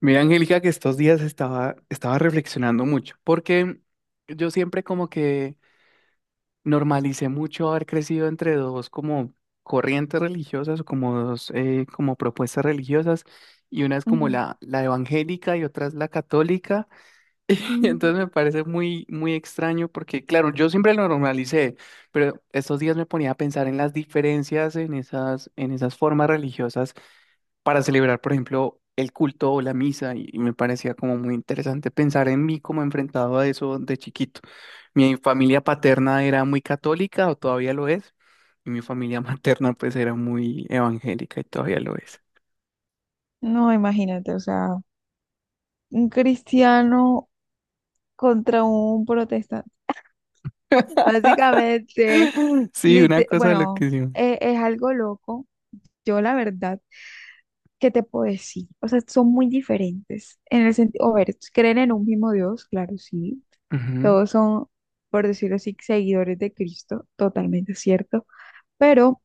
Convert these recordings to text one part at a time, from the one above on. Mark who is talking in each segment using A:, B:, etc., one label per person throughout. A: Mira, Angélica, que estos días estaba reflexionando mucho, porque yo siempre como que normalicé mucho haber crecido entre dos como corrientes religiosas o como dos como propuestas religiosas, y una es como
B: Ujú.
A: la evangélica y otra es la católica.
B: Mm.
A: Entonces me parece muy extraño porque, claro, yo siempre lo normalicé, pero estos días me ponía a pensar en las diferencias en esas formas religiosas para celebrar, por ejemplo, el culto o la misa, y me parecía como muy interesante pensar en mí como enfrentado a eso de chiquito. Mi familia paterna era muy católica o todavía lo es, y mi familia materna pues era muy evangélica y todavía lo es.
B: No, imagínate, o sea, un cristiano contra un protestante. Básicamente,
A: Sí, una cosa
B: bueno,
A: loquísima.
B: algo loco. Yo la verdad, ¿qué te puedo decir? O sea, son muy diferentes en el sentido, a ver, creen en un mismo Dios, claro, sí.
A: Ujú,
B: Todos son, por decirlo así, seguidores de Cristo, totalmente cierto. Pero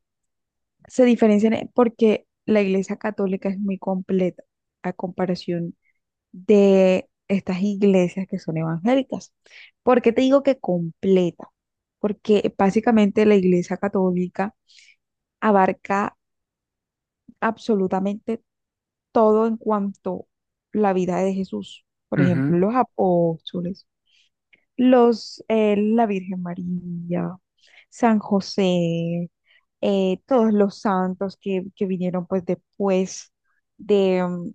B: se diferencian porque la Iglesia Católica es muy completa a comparación de estas iglesias que son evangélicas. ¿Por qué te digo que completa? Porque básicamente la Iglesia Católica abarca absolutamente todo en cuanto a la vida de Jesús. Por
A: ujú,
B: ejemplo, los apóstoles, la Virgen María, San José, todos los santos que vinieron pues después de mm,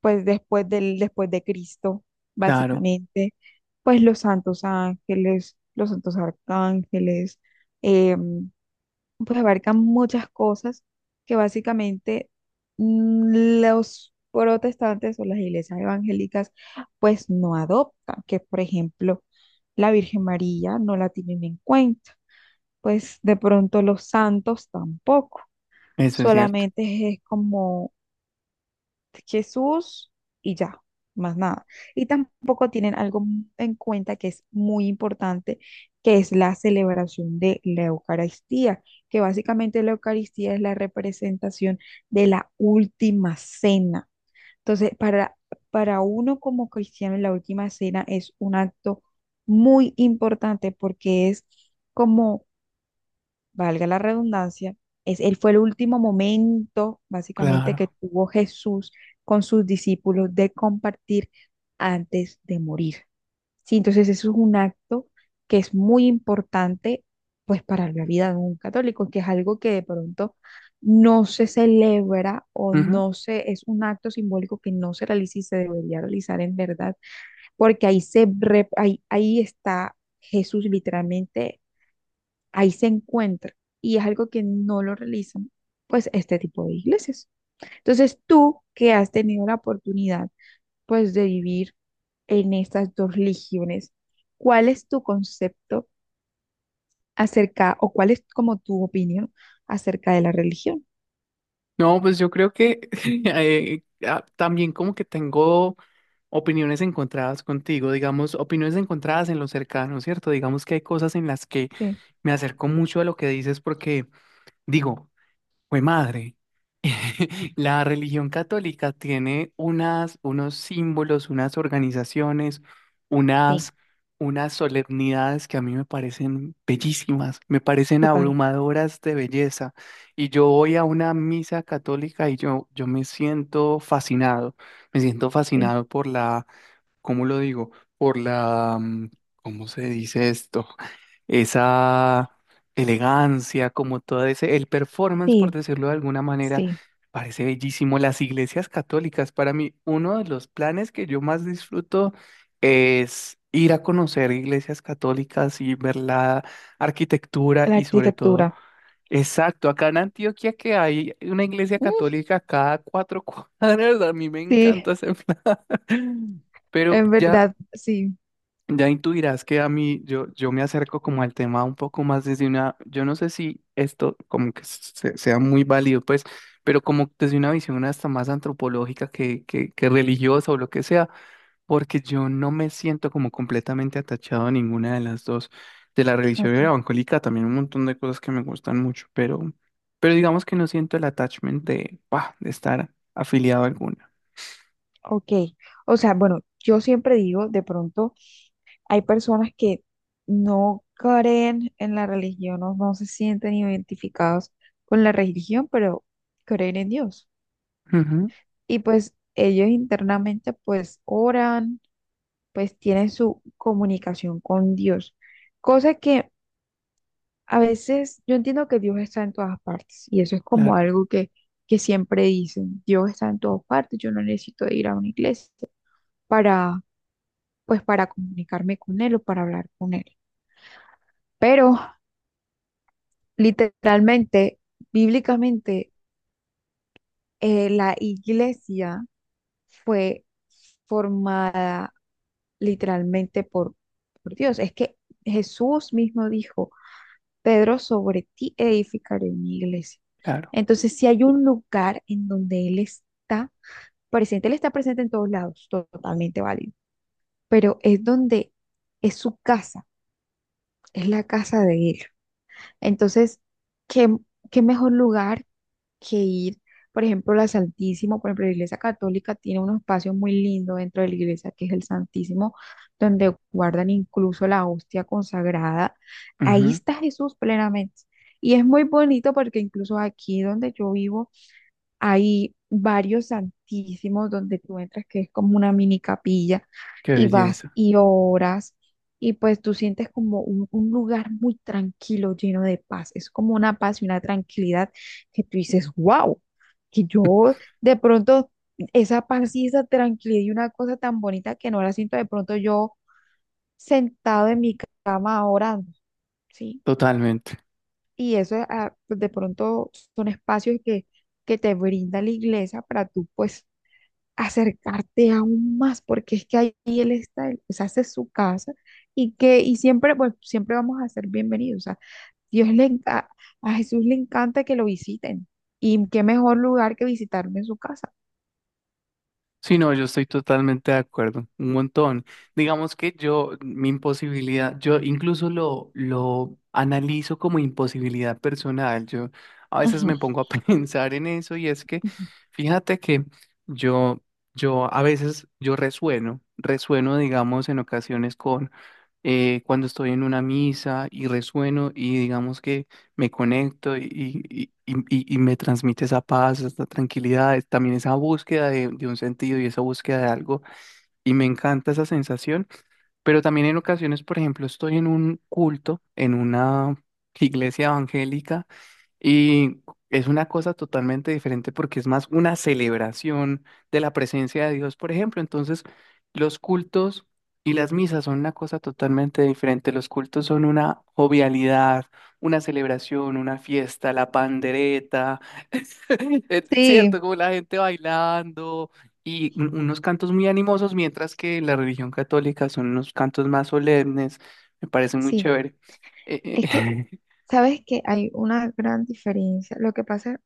B: pues después del, después de Cristo,
A: claro.
B: básicamente, pues los santos ángeles, los santos arcángeles, eh, pues abarcan muchas cosas que básicamente, los protestantes o las iglesias evangélicas pues no adoptan, que por ejemplo la Virgen María no la tienen en cuenta, pues de pronto los santos tampoco,
A: Eso es cierto,
B: solamente es como Jesús y ya, más nada. Y tampoco tienen algo en cuenta que es muy importante, que es la celebración de la Eucaristía, que básicamente la Eucaristía es la representación de la última cena. Entonces, para uno como cristiano, la última cena es un acto muy importante porque es, como valga la redundancia, él fue el último momento, básicamente, que
A: claro.
B: tuvo Jesús con sus discípulos de compartir antes de morir. Sí, entonces eso es un acto que es muy importante, pues, para la vida de un católico, que es algo que de pronto no se celebra, o
A: Ujú.
B: no se, es un acto simbólico que no se realiza y se debería realizar en verdad, porque ahí está Jesús literalmente, ahí se encuentra, y es algo que no lo realizan pues este tipo de iglesias. Entonces, tú que has tenido la oportunidad pues de vivir en estas dos religiones, ¿cuál es tu concepto acerca, o cuál es como tu opinión acerca de la religión?
A: No, pues yo creo que también como que tengo opiniones encontradas contigo, digamos, opiniones encontradas en lo cercano, ¿cierto? Digamos que hay cosas en las que
B: Sí.
A: me acerco mucho a lo que dices porque digo, fue madre. La religión católica tiene unos símbolos,
B: Sí,
A: unas, unas solemnidades que a mí me parecen bellísimas, me parecen
B: total,
A: abrumadoras de belleza. Y yo voy a una misa católica y yo me siento
B: sí,
A: fascinado por la, ¿cómo lo digo? Por la, ¿cómo se dice esto? Esa elegancia, como todo ese, el performance, por
B: sí,
A: decirlo de alguna manera,
B: sí.
A: parece bellísimo. Las iglesias católicas, para mí, uno de los planes que yo más disfruto es ir a conocer iglesias católicas y ver la arquitectura
B: La
A: y sobre todo,
B: arquitectura.
A: exacto, acá en Antioquia que hay una iglesia
B: Mm,
A: católica cada cuatro cuadras, a mí me
B: sí,
A: encanta ese plan. Pero
B: en
A: ya,
B: verdad, sí.
A: ya intuirás que a mí, yo me acerco como al tema un poco más desde una, yo no sé si esto como que sea muy válido, pues, pero como desde una visión hasta más antropológica que religiosa o lo que sea, porque yo no me siento como completamente atachado a ninguna de las dos. De la religión
B: Ok.
A: evangélica también un montón de cosas que me gustan mucho, pero digamos que no siento el attachment de, bah, de estar afiliado a alguna.
B: Ok. O sea, bueno, yo siempre digo de pronto, hay personas que no creen en la religión, no, no se sienten identificados con la religión, pero creen en Dios.
A: Ujú,
B: Y pues ellos internamente pues oran, pues tienen su comunicación con Dios. Cosa que a veces yo entiendo que Dios está en todas partes, y eso es como
A: claro,
B: algo que siempre dicen: Dios está en todas partes, yo no necesito ir a una iglesia para, para comunicarme con él, o para hablar con él. Pero literalmente, bíblicamente, la iglesia fue formada literalmente por Dios. Es que Jesús mismo dijo: Pedro, sobre ti edificaré mi iglesia.
A: claro.
B: Entonces, si hay un lugar en donde Él está presente en todos lados, to- totalmente válido, pero es donde es su casa, es la casa de Él. Entonces, ¿qué, qué mejor lugar que ir, por ejemplo, la Iglesia Católica tiene unos espacios muy lindo dentro de la iglesia, que es el Santísimo, donde guardan incluso la hostia consagrada. Ahí
A: Ujú,
B: está Jesús plenamente. Y es muy bonito porque incluso aquí donde yo vivo, hay varios santísimos donde tú entras, que es como una mini capilla,
A: qué
B: y vas
A: belleza.
B: y oras, y pues tú sientes como un lugar muy tranquilo, lleno de paz. Es como una paz y una tranquilidad que tú dices, wow, que yo de pronto esa paz y esa tranquilidad y una cosa tan bonita que no la siento de pronto yo sentado en mi cama orando, ¿sí?
A: Totalmente.
B: Y eso, pues de pronto son espacios que te brinda la iglesia para tú, pues, acercarte aún más, porque es que ahí él está, él pues hace su casa, y siempre vamos a ser bienvenidos. O sea, Dios le enca- a Jesús le encanta que lo visiten, y qué mejor lugar que visitarme en su casa.
A: Sí, no, yo estoy totalmente de acuerdo, un montón. Digamos que yo, mi imposibilidad, yo incluso lo analizo como imposibilidad personal. Yo a veces
B: Ujú.
A: me pongo a pensar en eso y es que, fíjate que yo, yo a veces, yo resueno, digamos, en ocasiones con cuando estoy en una misa y resueno y digamos que me conecto y me transmite esa paz, esa tranquilidad, es también esa búsqueda de un sentido y esa búsqueda de algo. Y me encanta esa sensación, pero también en ocasiones, por ejemplo, estoy en un culto, en una iglesia evangélica y es una cosa totalmente diferente porque es más una celebración de la presencia de Dios, por ejemplo. Entonces, los cultos y las misas son una cosa totalmente diferente. Los cultos son una jovialidad, una celebración, una fiesta, la pandereta, es, ¿cierto?
B: Sí.
A: Como la gente bailando y unos cantos muy animosos, mientras que la religión católica son unos cantos más solemnes. Me parece muy
B: Sí,
A: chévere. Eh,
B: es que,
A: eh,
B: sabes que hay una gran diferencia. Lo que pasa,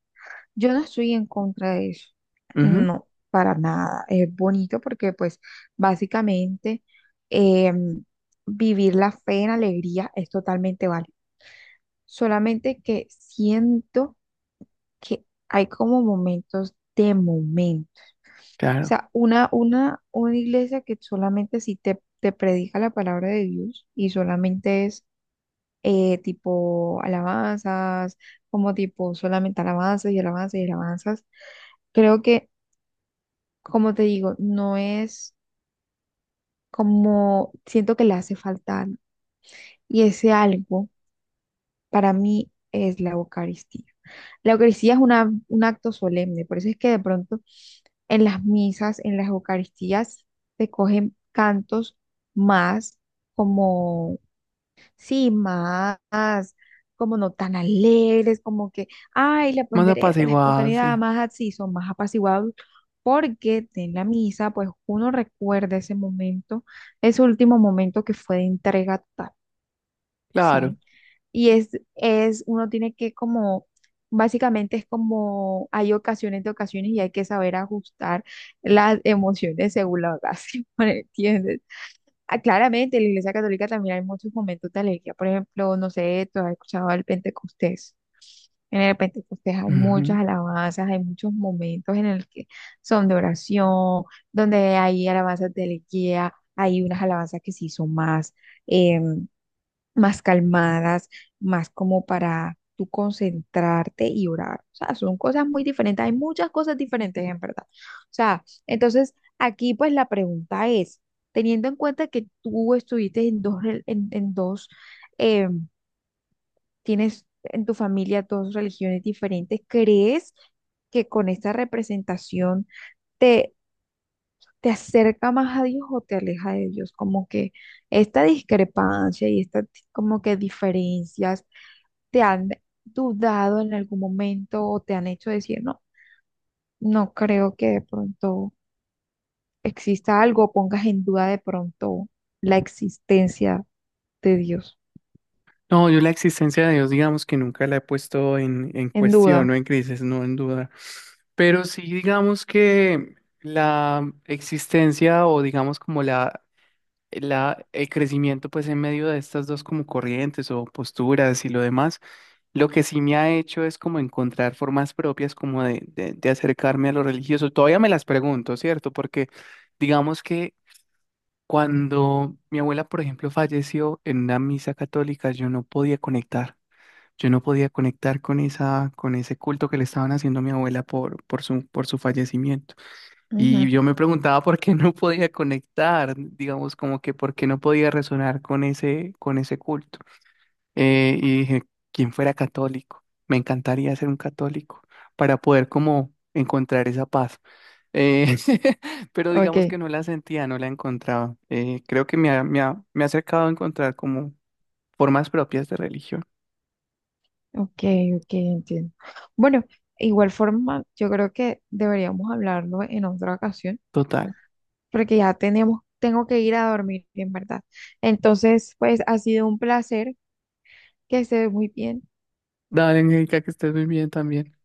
B: yo no estoy en contra de eso.
A: ujú,
B: No, para nada. Es bonito porque, pues, básicamente, em, vivir la fe en alegría es totalmente válido. Solamente que siento que hay como momentos de momento. O
A: claro.
B: sea, una iglesia que solamente si te predica la palabra de Dios y solamente es, tipo alabanzas, como tipo solamente alabanzas y alabanzas y alabanzas. Creo que, como te digo, no es, como siento que le hace falta algo. Y ese algo, para mí, es la Eucaristía. La Eucaristía es un acto solemne, por eso es que de pronto en las misas, en las Eucaristías, se cogen cantos más, Sí, más, como no tan alegres, como que, ay, la
A: Más
B: pondereta, la
A: apaciguada, sí.
B: espontaneidad, más así, son más apaciguados, porque en la misa, pues uno recuerda ese momento, ese último momento, que fue de entrega total,
A: Claro.
B: ¿sí? Y uno tiene que, como, básicamente es como, hay ocasiones de ocasiones, y hay que saber ajustar las emociones según la ocasión, ¿me ¿entiendes? Ah, claramente, en la Iglesia Católica también hay muchos momentos de alegría. Por ejemplo, no sé, ¿tú has escuchado el Pentecostés? En el Pentecostés hay muchas
A: Ujú.
B: alabanzas, hay muchos momentos en el que son de oración, donde hay alabanzas de alegría, hay unas alabanzas que sí son más, em, más calmadas, más como para tú concentrarte y orar. O sea, son cosas muy diferentes. Hay muchas cosas diferentes, en verdad. O sea, entonces aquí pues la pregunta es: teniendo en cuenta que tú estuviste en dos, eh, tienes en tu familia dos religiones diferentes, ¿crees que con esta representación te acerca más a Dios o te aleja de Dios, como que esta discrepancia y esta como que diferencias te han dudado en algún momento, o te han hecho decir: no, no creo que de pronto exista algo, o pongas en duda de pronto la existencia de Dios,
A: No, yo la existencia de Dios, digamos que nunca la he puesto en
B: en
A: cuestión
B: duda?
A: o en crisis, no en duda. Pero sí, digamos que la existencia o digamos como el crecimiento pues en medio de estas dos como corrientes o posturas y lo demás, lo que sí me ha hecho es como encontrar formas propias como de acercarme a lo religioso. Todavía me las pregunto, ¿cierto? Porque digamos que cuando mi abuela, por ejemplo, falleció en una misa católica, yo no podía conectar. Yo no podía conectar con esa, con ese culto que le estaban haciendo a mi abuela por por su fallecimiento.
B: Ujú.
A: Y yo me preguntaba por qué no podía conectar, digamos, como que por qué no podía resonar con ese culto. Y dije, ¿quién fuera católico? Me encantaría ser un católico para poder como encontrar esa paz. Eh, pero
B: Ok,
A: digamos que no la sentía, no la encontraba. Creo que me ha acercado a encontrar como formas propias de religión.
B: ok, ok, entiendo. Bueno, igual forma, yo creo que deberíamos hablarlo en otra ocasión
A: Total.
B: porque tengo que ir a dormir, en verdad. Entonces, pues ha sido un placer, que estés muy bien.
A: Dale, Angélica, que estés muy bien también.